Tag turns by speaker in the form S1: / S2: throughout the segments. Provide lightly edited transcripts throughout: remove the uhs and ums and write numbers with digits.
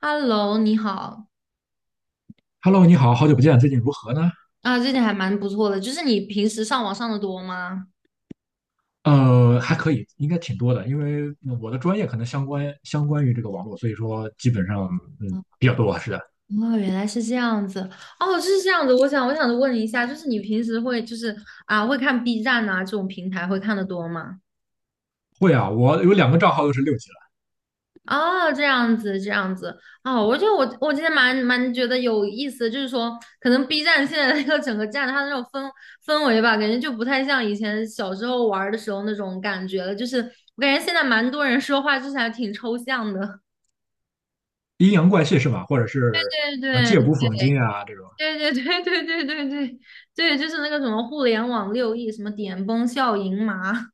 S1: Hello，你好
S2: Hello，你好，好久不见，最近如何呢？
S1: 啊，最近还蛮不错的。就是你平时上网上的多吗？
S2: 还可以，应该挺多的，因为我的专业可能相关于这个网络，所以说基本上比较多，是的。
S1: 哦，原来是这样子。哦，是这样子。我想问一下，就是你平时会就是啊，会看 B 站啊这种平台会看的多吗？
S2: 会啊，我有两个账号都是六级了。
S1: 哦，这样子，这样子。哦，我觉得我今天蛮觉得有意思的就是说可能 B 站现在 那个整个站它的那种氛围吧，感觉就不太像以前小时候玩儿的时候那种感觉了。就是我感觉现在蛮多人说话就是还挺抽象的。
S2: 阴阳怪气是吧？或者是
S1: 对
S2: 借
S1: 对，
S2: 古讽今啊这种。
S1: 对对对 对对对对对，就是那个什么互联网6亿，什么点崩笑盈麻，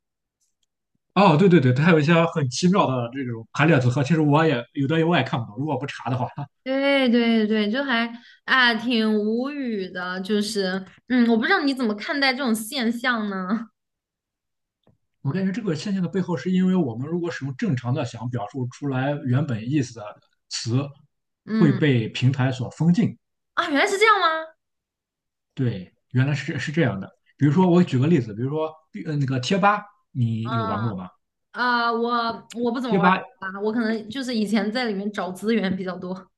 S2: 哦，对对对，它有一些很奇妙的这种排列组合，其实我也有的我也看不懂，如果不查的话，
S1: 对对对，就还啊挺无语的，就是我不知道你怎么看待这种现象呢？
S2: 我感觉这个现象的背后是因为我们如果使用正常的想表述出来原本意思的词，会
S1: 嗯
S2: 被平台所封禁。
S1: 啊，原来是这样吗？
S2: 对，原来是这样的。比如说，我举个例子，比如说，那个贴吧，你有玩
S1: 啊
S2: 过吗？
S1: 啊，我不怎么
S2: 贴
S1: 玩儿
S2: 吧。
S1: 啊，我可能就是以前在里面找资源比较多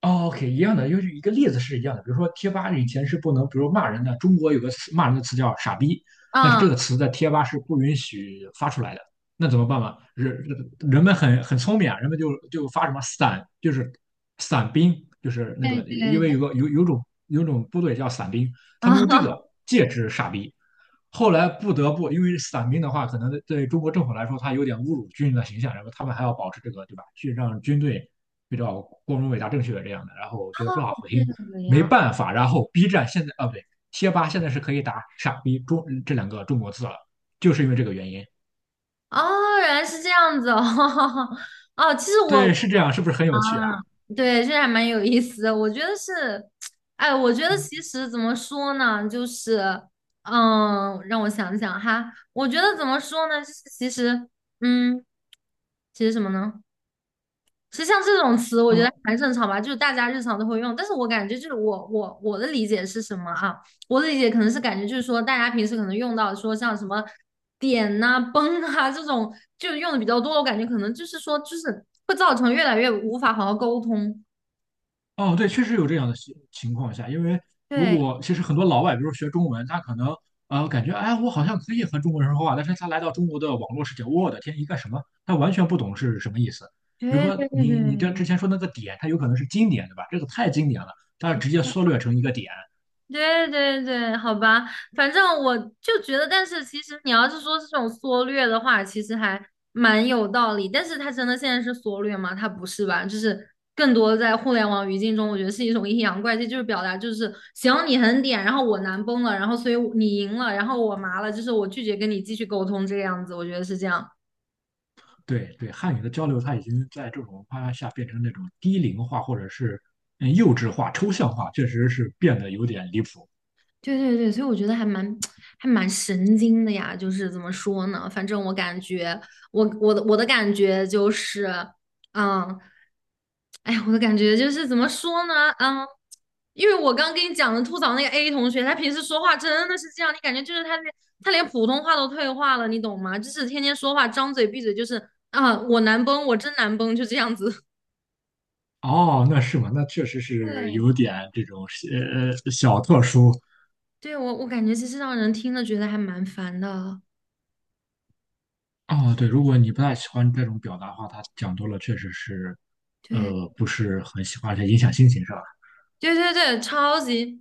S2: 哦，OK,一样的，就是一个例子是一样的。比如说，贴吧以前是不能，比如骂人的，中国有个词骂人的词叫"傻逼"，但是
S1: 啊，
S2: 这个词在贴吧是不允许发出来的。那怎么办嘛？人们很聪明啊，人们就发什么伞，就是伞兵，就是那
S1: 对
S2: 个，因
S1: 对
S2: 为
S1: 对
S2: 有种部队叫伞兵，他们用这
S1: 啊，
S2: 个戒指"傻逼"。后来不得不，因为伞兵的话，可能对中国政府来说，他有点侮辱军人的形象，然后他们还要保持这个，对吧？去让军队比较光荣、伟大、正确的这样的，然后我觉得不大 好
S1: 这
S2: 听，
S1: 个
S2: 没
S1: 样。
S2: 办法。然后 B 站现在啊，不对，贴吧现在是可以打"傻逼中"这两个中国字了，就是因为这个原因。
S1: 哦，原来是这样子哦，哦，其实我
S2: 对，是这样，是不是很
S1: 啊，
S2: 有趣啊？
S1: 对，这还蛮有意思的。我觉得是，哎，我觉得其实怎么说呢，就是，让我想想哈，我觉得怎么说呢，就是其实，嗯，其实什么呢？其实像这种词，我觉得
S2: 呃，
S1: 还正常吧，就是大家日常都会用。但是我感觉就是我的理解是什么啊？我的理解可能是感觉就是说，大家平时可能用到说像什么点呐、崩啊这种，就用的比较多。我感觉可能就是说，就是会造成越来越无法好好沟通。
S2: 哦，对，确实有这样的情况下，因为如
S1: 对，
S2: 果其实很多老外，比如学中文，他可能感觉，哎，我好像可以和中国人说话，但是他来到中国的网络世界，我的天，一个什么，他完全不懂是什么意思。比如
S1: 对
S2: 说
S1: 对对
S2: 你这
S1: 对，
S2: 之前说那个点，它有可能是经典，对吧？这个太经典了，它直接缩略成一个点。
S1: 对对对，好吧，反正我就觉得，但是其实你要是说是这种缩略的话，其实还蛮有道理。但是它真的现在是缩略吗？它不是吧？就是更多在互联网语境中，我觉得是一种阴阳怪气，就是表达就是行你很点，然后我难崩了，然后所以你赢了，然后我麻了，就是我拒绝跟你继续沟通这个样子，我觉得是这样。
S2: 对对，汉语的交流它已经在这种文化下变成那种低龄化或者是幼稚化、抽象化，确实是变得有点离谱。
S1: 对对对，所以我觉得还蛮 还蛮神经的呀，就是怎么说呢？反正我感觉，我的感觉就是，嗯，哎呀，我的感觉就是怎么说呢？嗯，因为我刚跟你讲的吐槽那个 A 同学，他平时说话真的是这样，你感觉就是他连普通话都退化了，你懂吗？就是天天说话张嘴闭嘴就是啊，我难崩，我真难崩，就这样子。
S2: 哦，那是吗？那确实 是
S1: 对。
S2: 有点这种小特殊。
S1: 对，我感觉其实让人听了觉得还蛮烦的。
S2: 哦，对，如果你不太喜欢这种表达的话，他讲多了确实是，
S1: 对。
S2: 不是很喜欢，而且影响心情，是吧？
S1: 对对对，超级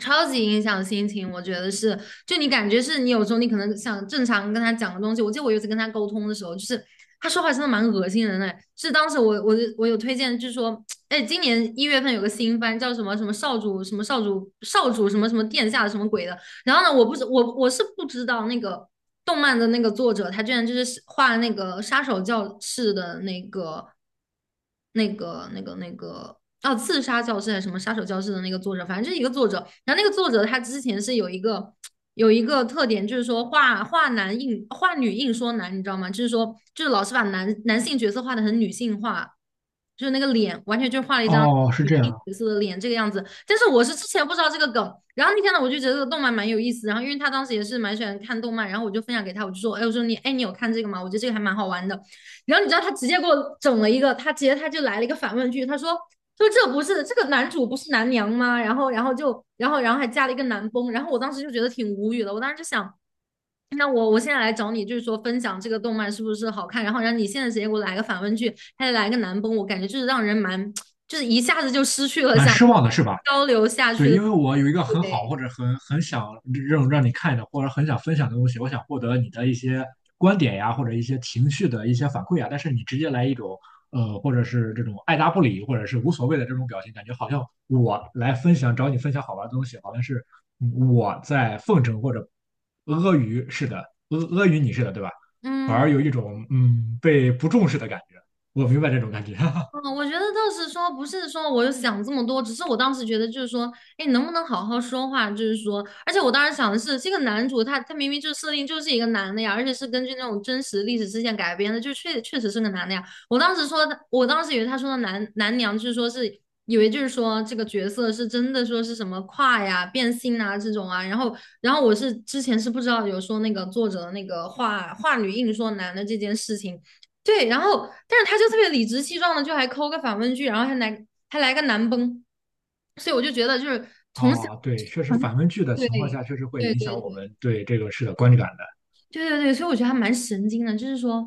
S1: 超级影响心情，我觉得是。就你感觉是你有时候你可能想正常跟他讲个东西，我记得我有一次跟他沟通的时候，就是他说话真的蛮恶心人的哎是当时我有推荐，就是说，哎，今年1月份有个新番叫什么什么少主什么少主什么什么殿下什么鬼的，然后呢，我不是我是不知道那个动漫的那个作者，他居然就是画那个杀手教室的那个哦，刺杀教室还是什么杀手教室的那个作者，反正就是一个作者。然后那个作者他之前是有一个特点，就是说画男硬画女硬说男，你知道吗？就是说就是老是把男性角色画的很女性化。就是那个脸，完全就画了一张
S2: 哦，是
S1: 女
S2: 这
S1: 性
S2: 样，
S1: 角色的脸这个样子。但是我是之前不知道这个梗，然后那天呢，我就觉得这个动漫蛮有意思。然后因为他当时也是蛮喜欢看动漫，然后我就分享给他，我就说，哎，我说你，哎，你有看这个吗？我觉得这个还蛮好玩的。然后你知道他直接给我整了一个，他直接他就来了一个反问句，他说。就这不是这个男主不是男娘吗？然后，然后就，然后，然后还加了一个男崩，然后我当时就觉得挺无语的。我当时就想，那我现在来找你，就是说分享这个动漫是不是好看，然后让你现在直接给我来个反问句，还得来个男崩，我感觉就是让人蛮，就是一下子就失去了
S2: 蛮
S1: 想
S2: 失望的，是吧？
S1: 交流下去
S2: 对，
S1: 的，
S2: 因为我有一个很好
S1: 对，
S2: 或者很想让你看的，或者很想分享的东西，我想获得你的一些观点呀，或者一些情绪的一些反馈呀。但是你直接来一种或者是这种爱答不理，或者是无所谓的这种表情，感觉好像我来分享找你分享好玩的东西，好像是我在奉承或者阿谀似的，阿谀你似的，对吧？反
S1: 嗯。
S2: 而有一种被不重视的感觉。我明白这种感觉。
S1: 嗯，我觉得倒是说，不是说我有想这么多，只是我当时觉得就是说，哎，能不能好好说话？就是说，而且我当时想的是，这个男主他明明就设定就是一个男的呀，而且是根据那种真实历史事件改编的，就确确实是个男的呀。我当时说的，我当时以为他说的男娘，就是说是以为就是说这个角色是真的说是什么跨呀、变性啊这种啊，然后我是之前是不知道有说那个作者的那个话女硬说男的这件事情。对，然后但是他就特别理直气壮的，就还抠个反问句，然后还来个难崩，所以我就觉得就是从小
S2: 哦，对，确实
S1: 很
S2: 反问句的
S1: 对
S2: 情况下，确实会
S1: 对对
S2: 影响
S1: 对
S2: 我
S1: 对
S2: 们对这个事的观感的。
S1: 对对，所以我觉得还蛮神经的，就是说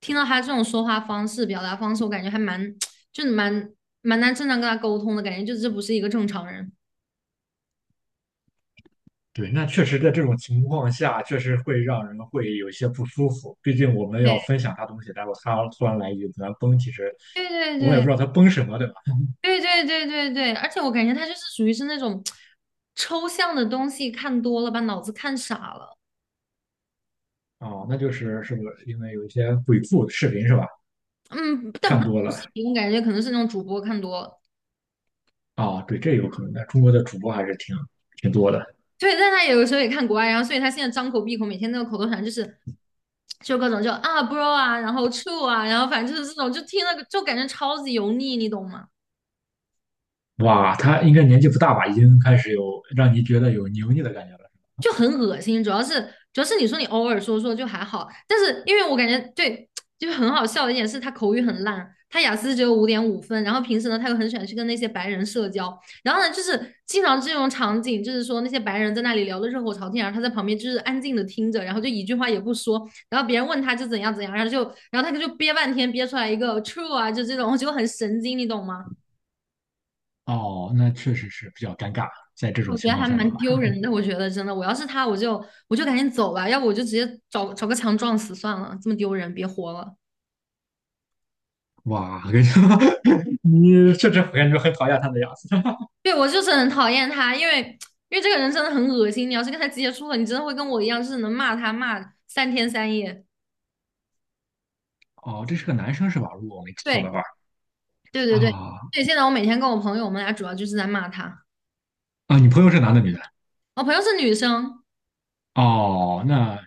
S1: 听到他这种说话方式、表达方式，我感觉还蛮 就是蛮难正常跟他沟通的感觉，就这不是一个正常人。
S2: 对，那确实在这种情况下，确实会让人会有一些不舒服。毕竟我们要
S1: 对
S2: 分享他东西，然后他突然来一句"咱崩"，其实
S1: 对对
S2: 我也不
S1: 对
S2: 知道他崩什么，对吧？
S1: 对对对对对，而且我感觉他就是属于是那种 抽象的东西看多了，把脑子看傻了。
S2: 哦，那就是是不是因为有一些鬼畜视频是吧？
S1: 嗯，但
S2: 看
S1: 不
S2: 多
S1: 不是
S2: 了
S1: 迷，我感觉可能是那种主播看多，了，
S2: 啊，对，这有可能的。中国的主播还是挺多的。
S1: 对，但他有的时候也看国外，然后所以他现在张口闭口每天那个口头禅就是就各种就啊 bro 啊，然后 true 啊，然后反正就是这种，就听了就感觉超级油腻，你懂吗？
S2: 哇，他应该年纪不大吧？已经开始有让你觉得有油腻的感觉了。
S1: 就很恶心，主要是你说你偶尔说说就还好，但是因为我感觉对，就是很好笑的一点是他口语很烂，他雅思只有5.5分，然后平时呢他又很喜欢去跟那些白人社交，然后呢就是经常这种场景，就是说那些白人在那里聊得热火朝天，然后他在旁边就是安静的听着，然后就一句话也不说，然后别人问他就怎样怎样，然后就然后他就憋半天憋出来一个 true 啊，就这种，我觉得很神经，你懂吗？
S2: 哦，那确实是比较尴尬，在这种
S1: 我觉
S2: 情
S1: 得
S2: 况
S1: 还
S2: 下的
S1: 蛮
S2: 话。
S1: 丢人的。我觉得真的，我要是他，我就赶紧走吧，要不我就直接找个墙撞死算了，这么丢人，别活了。
S2: 哇，我跟你说 你确实感觉很讨厌他的样子。
S1: 对，我就是很讨厌他，因为这个人真的很恶心。你要是跟他接触了，你真的会跟我一样，就是能骂他骂三天三夜。
S2: 哦，这是个男生是吧？如果我没记错的
S1: 对，
S2: 话，
S1: 对对对
S2: 啊，
S1: 对。现在我每天跟我朋友，我们俩主要就是在骂他。
S2: 啊，你朋友是男的女的？
S1: 我朋友是女生，
S2: 哦，那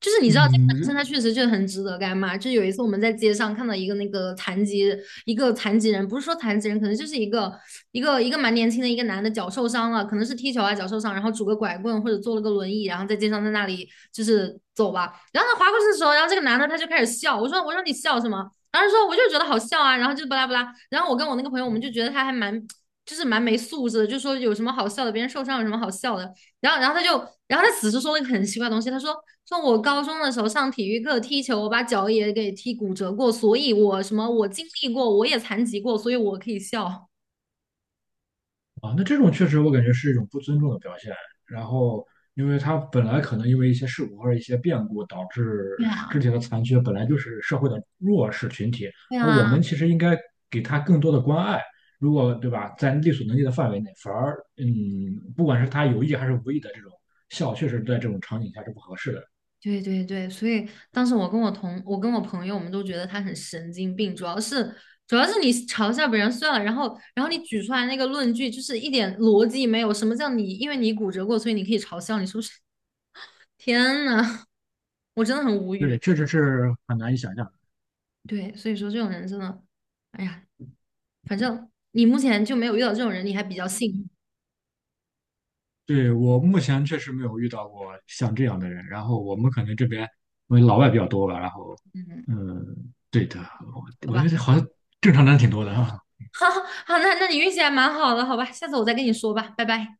S1: 就是你知道这个男生
S2: 嗯，
S1: 他确实就很值得干嘛。就有一次我们在街上看到一个那个残疾一个残疾人，不是说残疾人，可能就是一个蛮年轻的一个男的脚受伤了，可能是踢球啊脚受伤，然后拄个拐棍或者坐了个轮椅，然后在街上在那里就是走吧。然后他划过去的时候，然后这个男的他就开始笑，我说你笑什么？然后说我就觉得好笑啊，然后就巴拉巴拉。然后我跟我那个朋友我们就觉得他还蛮。就是蛮没素质的，就说有什么好笑的，别人受伤有什么好笑的。然后，然后他就，然后他此时说了一个很奇怪的东西，他说我高中的时候上体育课踢球，我把脚也给踢骨折过，所以我什么我经历过，我也残疾过，所以我可以笑。
S2: 啊，那这种确实我感觉是一种不尊重的表现。然后，因为他本来可能因为一些事故或者一些变故导致
S1: 对
S2: 肢
S1: 啊，
S2: 体的残缺，本来就是社会的弱势群体，
S1: 对
S2: 而我
S1: 啊，
S2: 们其实应该给他更多的关爱。如果对吧，在力所能及的范围内，反而不管是他有意还是无意的这种笑，确实在这种场景下是不合适的。
S1: 对对对，所以当时我跟我朋友，我们都觉得他很神经病，主要是你嘲笑别人算了，然后你举出来那个论据就是一点逻辑没有，什么叫你因为你骨折过，所以你可以嘲笑，你是不是？天呐，我真的很无
S2: 对，
S1: 语。
S2: 确实是很难以想象。
S1: 对，所以说这种人真的，哎呀，反正你目前就没有遇到这种人，你还比较幸运。
S2: 对，我目前确实没有遇到过像这样的人。然后我们可能这边因为老外比较多吧，然后，
S1: 嗯，
S2: 嗯，对的，我
S1: 好
S2: 我
S1: 吧，
S2: 觉得好像 正常人挺多的啊。
S1: 好，好，那你运气还蛮好的，好吧，下次我再跟你说吧，拜拜。